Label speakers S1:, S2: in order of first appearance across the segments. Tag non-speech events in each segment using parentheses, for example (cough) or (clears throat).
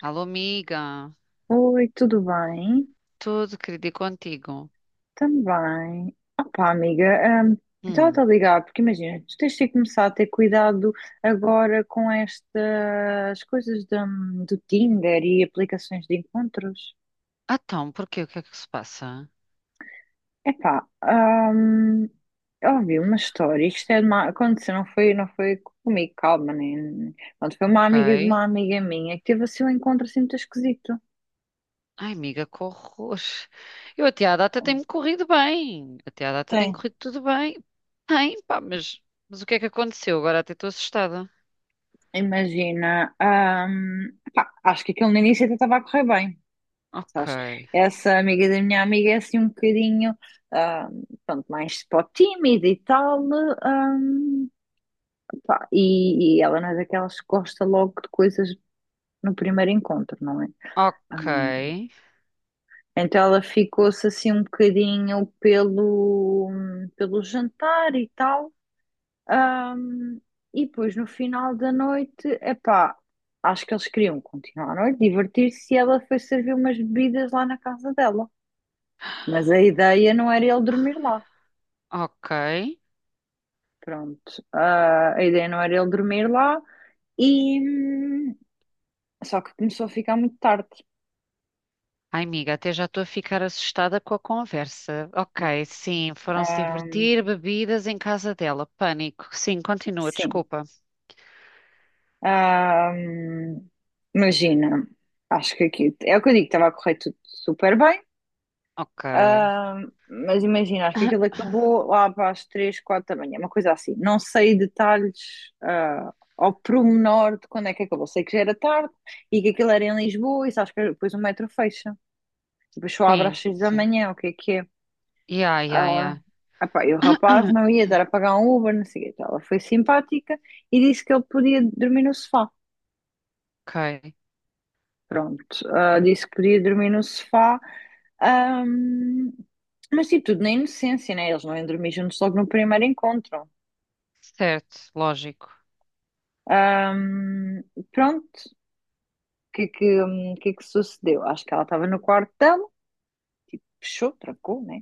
S1: Alô, amiga,
S2: Oi, tudo bem?
S1: tudo querido e contigo?
S2: Também. Opá, amiga, hum, eu estava
S1: Hum,
S2: a ligar, porque imagina, tu tens de começar a ter cuidado agora com estas coisas do Tinder e aplicações de encontros.
S1: então, porquê? O que é que se passa?
S2: Epá, eu ouvi uma história, isto é de uma, aconteceu, não foi comigo, calma, nem, pronto, foi uma
S1: Ok.
S2: amiga de uma amiga minha que teve assim um encontro assim muito esquisito.
S1: Ai, amiga, que horror. Eu até à data tem-me corrido bem. Até à data tem
S2: Tem.
S1: corrido tudo bem. Bem, pá, mas o que é que aconteceu? Agora até estou assustada.
S2: Imagina, pá, acho que aquilo no início até estava a correr bem.
S1: Ok,
S2: Sabes? Essa amiga da minha amiga é assim um bocadinho, ah, pronto, mais pó tímida e tal, né, ah, pá, e ela não é daquelas que gosta logo de coisas no primeiro encontro, não é? Ah,
S1: ok,
S2: então ela ficou-se assim um bocadinho pelo jantar e tal, ah, e depois no final da noite, epá, acho que eles queriam continuar a noite, divertir-se, e ela foi servir umas bebidas lá na casa dela. Mas a ideia não era ele dormir lá.
S1: ok.
S2: Pronto. A ideia não era ele dormir lá e só que começou a ficar muito tarde, tipo.
S1: Ai, amiga, até já estou a ficar assustada com a conversa. Ok, sim, foram-se
S2: Ah,
S1: divertir, bebidas em casa dela. Pânico. Sim, continua,
S2: sim.
S1: desculpa.
S2: Ah, hum, imagina, acho que aqui é o que eu digo, estava a correr tudo super bem.
S1: Ok.
S2: Ah, mas imagina, acho que aquilo
S1: (coughs)
S2: acabou lá para as 3 4 da manhã, uma coisa assim. Não sei detalhes, ao pormenor de quando é que acabou. Sei que já era tarde e que aquilo era em Lisboa, e sabes que depois o metro fecha. Depois só abre às
S1: Sim,
S2: 6 da
S1: sim.
S2: manhã, o que é que é?
S1: Ya, ya,
S2: Ela,
S1: ya.
S2: epá, e o rapaz
S1: (coughs)
S2: não
S1: (clears throat)
S2: ia dar a pagar um Uber, não sei o quê. Então, ela foi simpática e disse que ele podia dormir no sofá.
S1: Ok.
S2: Pronto, disse que podia dormir no sofá. Ahm, mas tipo, tudo na inocência, né? Eles não iam dormir juntos logo no primeiro encontro.
S1: Certo, lógico.
S2: Ahm, pronto, o que é que sucedeu? Acho que ela estava no quarto dela, fechou, trancou, né?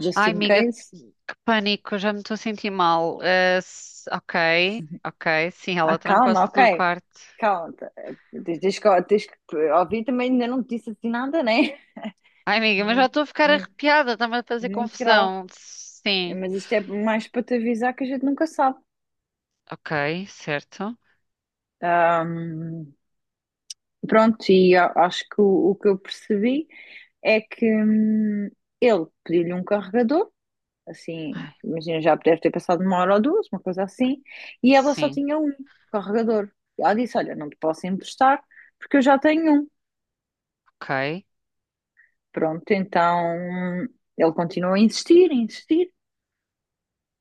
S2: Just
S1: Ai,
S2: in
S1: amiga,
S2: case.
S1: que pânico, já me estou a sentir mal. Ok, ok. Sim, ela
S2: Calma,
S1: trancou-se
S2: ok.
S1: no quarto.
S2: Calma, tá, tens que ouvir também, ainda não te disse assim nada, né?
S1: Ai, amiga, mas já
S2: Muito,
S1: estou a ficar
S2: muito,
S1: arrepiada, está-me a fazer
S2: muito grave.
S1: confusão. Sim.
S2: Mas isto é mais para te avisar que a gente nunca sabe.
S1: Ok, certo.
S2: Ahm, pronto, e acho que o que eu percebi é que ele pediu-lhe um carregador, assim,
S1: Ai,
S2: imagina, já deve ter passado uma hora ou duas, uma coisa assim, e ela só
S1: sim.
S2: tinha um carregador. Ela disse: olha, não te posso emprestar porque eu já tenho um.
S1: Ok,
S2: Pronto, então ele continuou a insistir,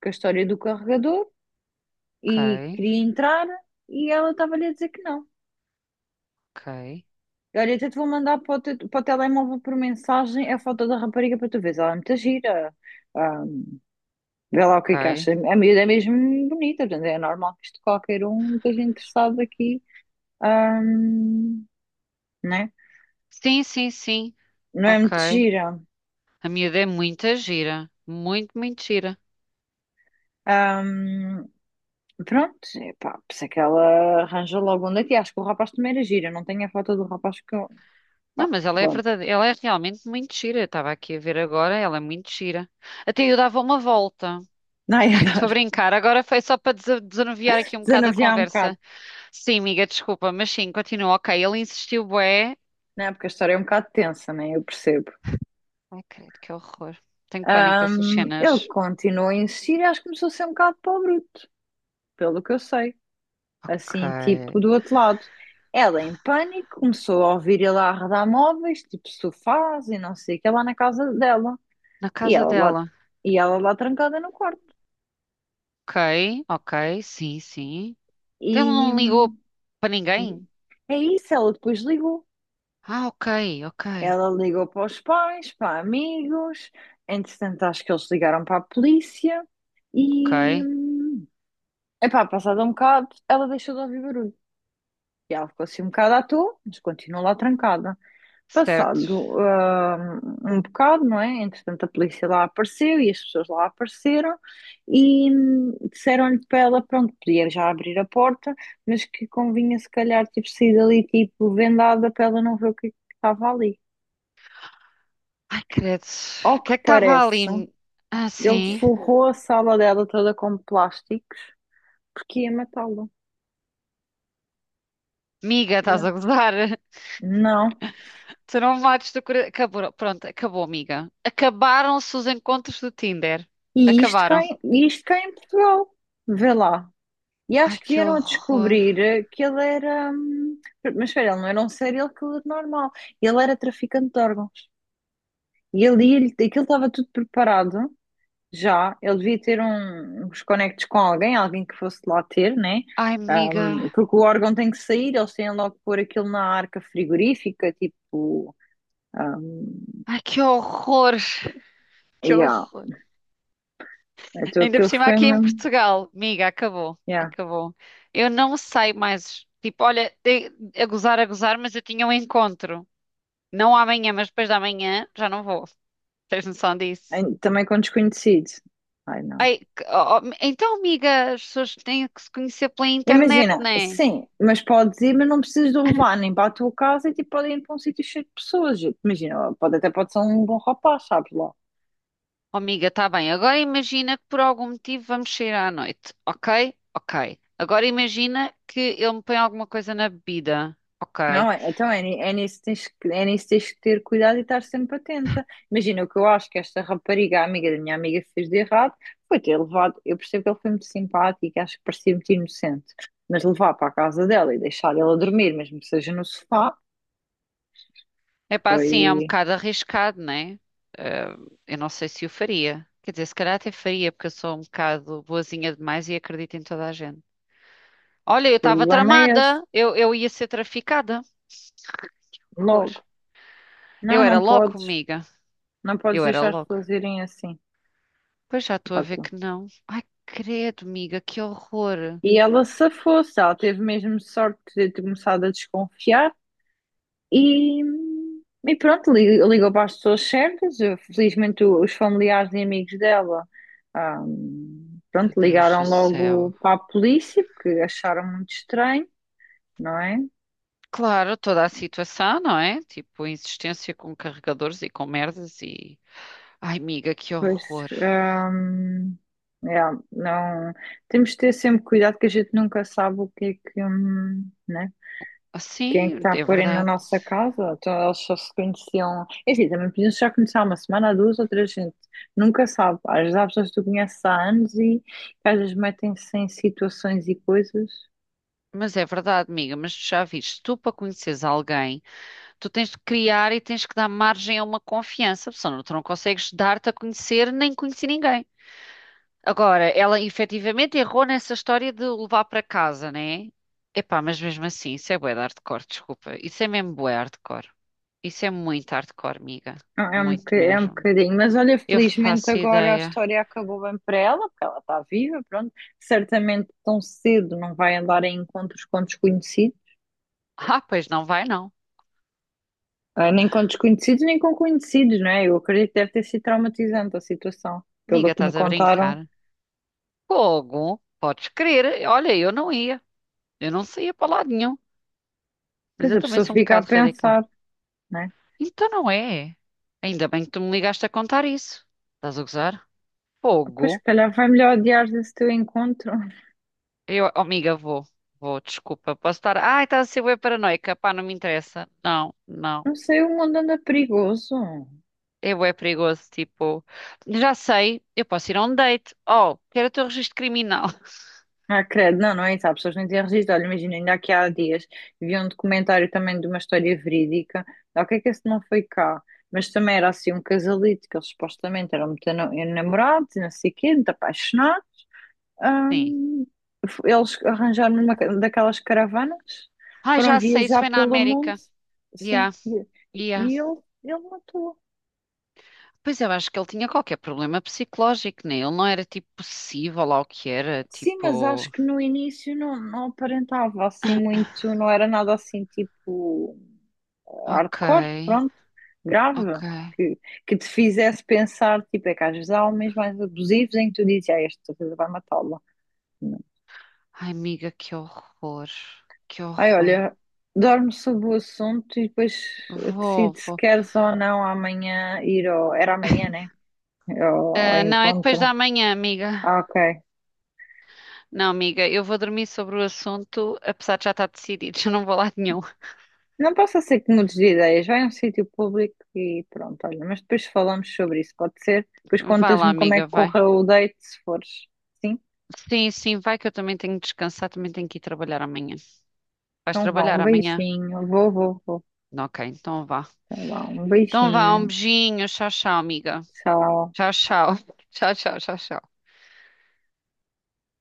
S2: com a história do carregador. E
S1: ok,
S2: queria entrar e ela estava-lhe a dizer que não.
S1: ok,
S2: Olha, até te vou mandar para o telemóvel por mensagem a foto da rapariga para tu veres. Ela é muito gira. Ah, Vê lá o que é que acha.
S1: ok.
S2: A miúda é mesmo bonita, portanto é normal que isto qualquer um esteja interessado aqui. Ah, né?
S1: Sim, sim, sim.
S2: Não é muito
S1: Ok.
S2: gira.
S1: A miúda é muita gira. Muito, muito gira.
S2: Ah, Pronto, epá, por isso é que ela arranja logo um daqui. Acho que o rapaz também era gira. Não tenho a foto do rapaz que eu...
S1: Não, mas ela é
S2: Pronto,
S1: verdade, ela é realmente muito gira. Eu estava aqui a ver agora, ela é muito gira. Até eu dava uma volta.
S2: (laughs) não
S1: (laughs)
S2: ia
S1: Estou a
S2: dar.
S1: brincar, agora foi só para desanuviar aqui
S2: (laughs)
S1: um bocado a
S2: Desanuviar um bocado.
S1: conversa. Sim, amiga, desculpa, mas sim, continua. Ok, ele insistiu, bué.
S2: Né, porque a história é um bocado tensa, né? Eu percebo.
S1: Ai, credo, que horror. Tenho pânico dessas cenas.
S2: Ele continuou a insistir e acho que começou a ser um bocado para o bruto, pelo que eu sei. Assim,
S1: Ok.
S2: tipo, do outro lado. Ela, em pânico, começou a ouvir ele a arredar móveis, tipo sofás e não sei o que, lá na casa dela.
S1: Na
S2: E
S1: casa
S2: ela lá,
S1: dela.
S2: e ela lá trancada no quarto.
S1: Ok, ok, sim, sim.
S2: E
S1: Então ele não ligou para ninguém?
S2: é isso, ela depois ligou.
S1: Ah, ok, ok,
S2: Ela ligou para os pais, para amigos, entretanto, acho que eles ligaram para a polícia e.
S1: ok.
S2: hum, Epá, passado um bocado, ela deixou de ouvir barulho. E ela ficou assim um bocado à toa, mas continuou lá trancada.
S1: Certo.
S2: Passado um bocado, não é? Entretanto, a polícia lá apareceu e as pessoas lá apareceram e disseram-lhe para ela, pronto, podia já abrir a porta, mas que convinha se calhar tipo, sair dali tipo vendada para ela não ver o que é que estava ali.
S1: Ai, credo. O
S2: Ao que
S1: que é que estava
S2: parece,
S1: ali? Ah,
S2: ele
S1: sim.
S2: forrou a sala dela toda com plásticos porque ia matá-la.
S1: Miga, estás
S2: Yeah.
S1: a gozar? (laughs)
S2: Não.
S1: Tu não me mates do coração. Acabou. Pronto, acabou, miga. Acabaram-se os encontros do Tinder.
S2: E isto cá,
S1: Acabaram.
S2: e isto cá em Portugal, vê lá. E
S1: Ai,
S2: acho que
S1: que
S2: vieram a
S1: horror.
S2: descobrir, que ele era. Mas espera, ele não era um serial killer normal. Ele era traficante de órgãos. E ele, aquilo estava tudo preparado já. Ele devia ter uns conectos com alguém, alguém que fosse lá ter, né?
S1: Ai, miga.
S2: Porque o órgão tem que sair, eles têm logo que pôr aquilo na arca frigorífica, tipo. hum,
S1: Ai, que horror. (laughs) Que
S2: yeah.
S1: horror.
S2: Então
S1: Ainda por
S2: aquilo
S1: cima
S2: foi
S1: aqui em
S2: mesmo.
S1: Portugal. Miga, acabou.
S2: Yeah.
S1: Acabou. Eu não saio mais. Tipo, olha, de- a gozar, mas eu tinha um encontro. Não amanhã, mas depois da manhã já não vou. Tens noção disso?
S2: Também com desconhecido. Ai, não.
S1: Ai, que- oh, oh, então, amiga, as pessoas têm que se conhecer pela internet,
S2: Imagina,
S1: não é?
S2: sim, mas podes ir, mas não precisas de o levar nem para a tua casa e tipo, podem ir para um sítio cheio de pessoas. Imagina, pode até pode ser um bom rapaz, sabes lá.
S1: Oh, amiga, está bem. Agora imagina que por algum motivo vamos sair à noite, ok? Ok. Agora imagina que ele me põe alguma coisa na bebida, ok?
S2: Não é? Então é, é nisso que tens que, é nisso que tens que ter cuidado e estar sempre atenta. Imagina, o que eu acho que esta rapariga, a amiga da minha amiga, fez de errado foi ter levado. Eu percebo que ele foi muito simpático e acho que parecia muito inocente, mas levar para a casa dela e deixar ela dormir, mesmo que seja no sofá,
S1: É pá, assim, é um
S2: foi.
S1: bocado arriscado, não é? Ah, eu não sei se o faria. Quer dizer, se calhar até faria, porque eu sou um bocado boazinha demais e acredito em toda a gente.
S2: O
S1: Olha, eu estava
S2: problema é esse,
S1: tramada, eu ia ser traficada. Horror.
S2: logo.
S1: Eu
S2: Não,
S1: era
S2: não
S1: logo,
S2: podes.
S1: amiga.
S2: Não podes
S1: Eu era
S2: deixar as
S1: logo.
S2: pessoas irem assim.
S1: Pois já estou a
S2: Pá,
S1: ver
S2: tu.
S1: que não. Ai, credo, amiga, que horror.
S2: E ela se fosse, ela teve mesmo sorte de ter começado a desconfiar e, e pronto, ligou para as pessoas certas. Eu, felizmente, os familiares e amigos dela, ah,
S1: Meu
S2: pronto,
S1: Deus do
S2: ligaram logo
S1: céu.
S2: para a polícia porque acharam muito estranho, não é?
S1: Claro, toda a situação, não é? Tipo, insistência com carregadores e com merdas e. Ai, amiga, que
S2: Pois,
S1: horror.
S2: ah, é, não, temos de ter sempre cuidado que a gente nunca sabe o que é que, né? Quem é que
S1: Assim,
S2: está a
S1: é
S2: pôr aí na
S1: verdade.
S2: nossa casa? Então eles só se conheciam. Enfim, também podiam já começar uma semana, duas ou três, gente. Nunca sabe. Às vezes há pessoas que tu conheces há anos e que às vezes metem-se em situações e coisas.
S1: Mas é verdade, amiga, mas tu já viste, tu para conheceres alguém, tu tens de criar e tens que dar margem a uma confiança, senão tu não consegues dar-te a conhecer nem conhecer ninguém. Agora, ela efetivamente errou nessa história de o levar para casa, né? Epá, mas mesmo assim, isso é bué de hardcore, desculpa. Isso é mesmo bué hardcore. Isso é muito hardcore, amiga.
S2: É
S1: Muito
S2: é um
S1: mesmo.
S2: bocadinho. Mas olha,
S1: Eu
S2: felizmente
S1: faço
S2: agora a
S1: ideia.
S2: história acabou bem para ela, porque ela está viva, pronto. Certamente tão cedo não vai andar em encontros com desconhecidos.
S1: Ah, pois não vai não.
S2: Nem com desconhecidos, nem com conhecidos, não é? Eu acredito que deve ter sido traumatizante a situação, pelo
S1: Amiga,
S2: que me
S1: estás a
S2: contaram.
S1: brincar? Fogo, podes crer. Olha, eu não ia. Eu não saía para lado nenhum. Mas
S2: Pois
S1: eu
S2: a
S1: também
S2: pessoa
S1: sou um
S2: fica a
S1: bocado radical.
S2: pensar, né?
S1: Então não é. Ainda bem que tu me ligaste a contar isso. Estás a gozar?
S2: Pois, se
S1: Fogo.
S2: calhar vai melhor adiar esse teu encontro.
S1: Eu, oh, amiga, vou. Vou, desculpa. Posso estar. Ai, estás a ser bué paranoica. Pá, não me interessa. Não, não.
S2: Não sei, o mundo anda perigoso.
S1: É bué perigoso. Tipo, já sei, eu posso ir a um date. Oh, quero o teu registro criminal. (laughs)
S2: Ah, credo, não, não é isso. Há pessoas que não têm registro. Olha, imagina, ainda aqui há dias vi um documentário também de uma história verídica. O que é que esse não foi cá? Mas também era assim um casalito que eles supostamente eram muito namorados, e não sei o quê, muito apaixonados.
S1: Sim.
S2: Ahm, eles arranjaram uma daquelas caravanas,
S1: Ai,
S2: foram
S1: já sei, isso
S2: viajar
S1: foi na
S2: pelo mundo.
S1: América.
S2: Sim,
S1: Yeah,
S2: e
S1: yeah.
S2: ele, ele matou.
S1: Pois eu acho que ele tinha qualquer problema psicológico, né? Ele não era tipo possível lá o que era.
S2: Sim, mas acho
S1: Tipo,
S2: que no início não, não aparentava assim muito, não era nada assim tipo
S1: ok,
S2: hardcore, pronto,
S1: ok.
S2: grave, que, que te fizesse pensar, tipo, é que às vezes há homens mais abusivos em que tu dizes, ah, esta coisa vai matá-la.
S1: Ai, amiga, que horror. Que
S2: Ai,
S1: horror.
S2: olha, dorme sobre o assunto e depois
S1: Vou,
S2: decide se
S1: vou.
S2: queres ou não amanhã ir ao, era amanhã, né? Ao
S1: Ah, não, é depois
S2: encontro.
S1: da manhã, amiga.
S2: Ah, ok.
S1: Não, amiga, eu vou dormir sobre o assunto, apesar de já estar decidido, (laughs) eu não vou lá nenhum.
S2: Não posso ser que mudes de ideias. Vai a um sítio público e pronto, olha. Mas depois falamos sobre isso, pode ser? Depois
S1: Vai lá,
S2: contas-me como é
S1: amiga,
S2: que
S1: vai.
S2: correu o date, se fores. Sim?
S1: Sim, sim, vai que eu também tenho de descansar, também tenho que ir trabalhar amanhã. Vais
S2: Então vá,
S1: trabalhar
S2: um
S1: amanhã?
S2: beijinho. Vou, vou, vou.
S1: Ok, então vá.
S2: Então vá, um
S1: Então vá, um
S2: beijinho.
S1: beijinho, tchau, tchau, amiga.
S2: Tchau.
S1: Tchau, tchau. (laughs) Tchau, tchau, tchau, tchau.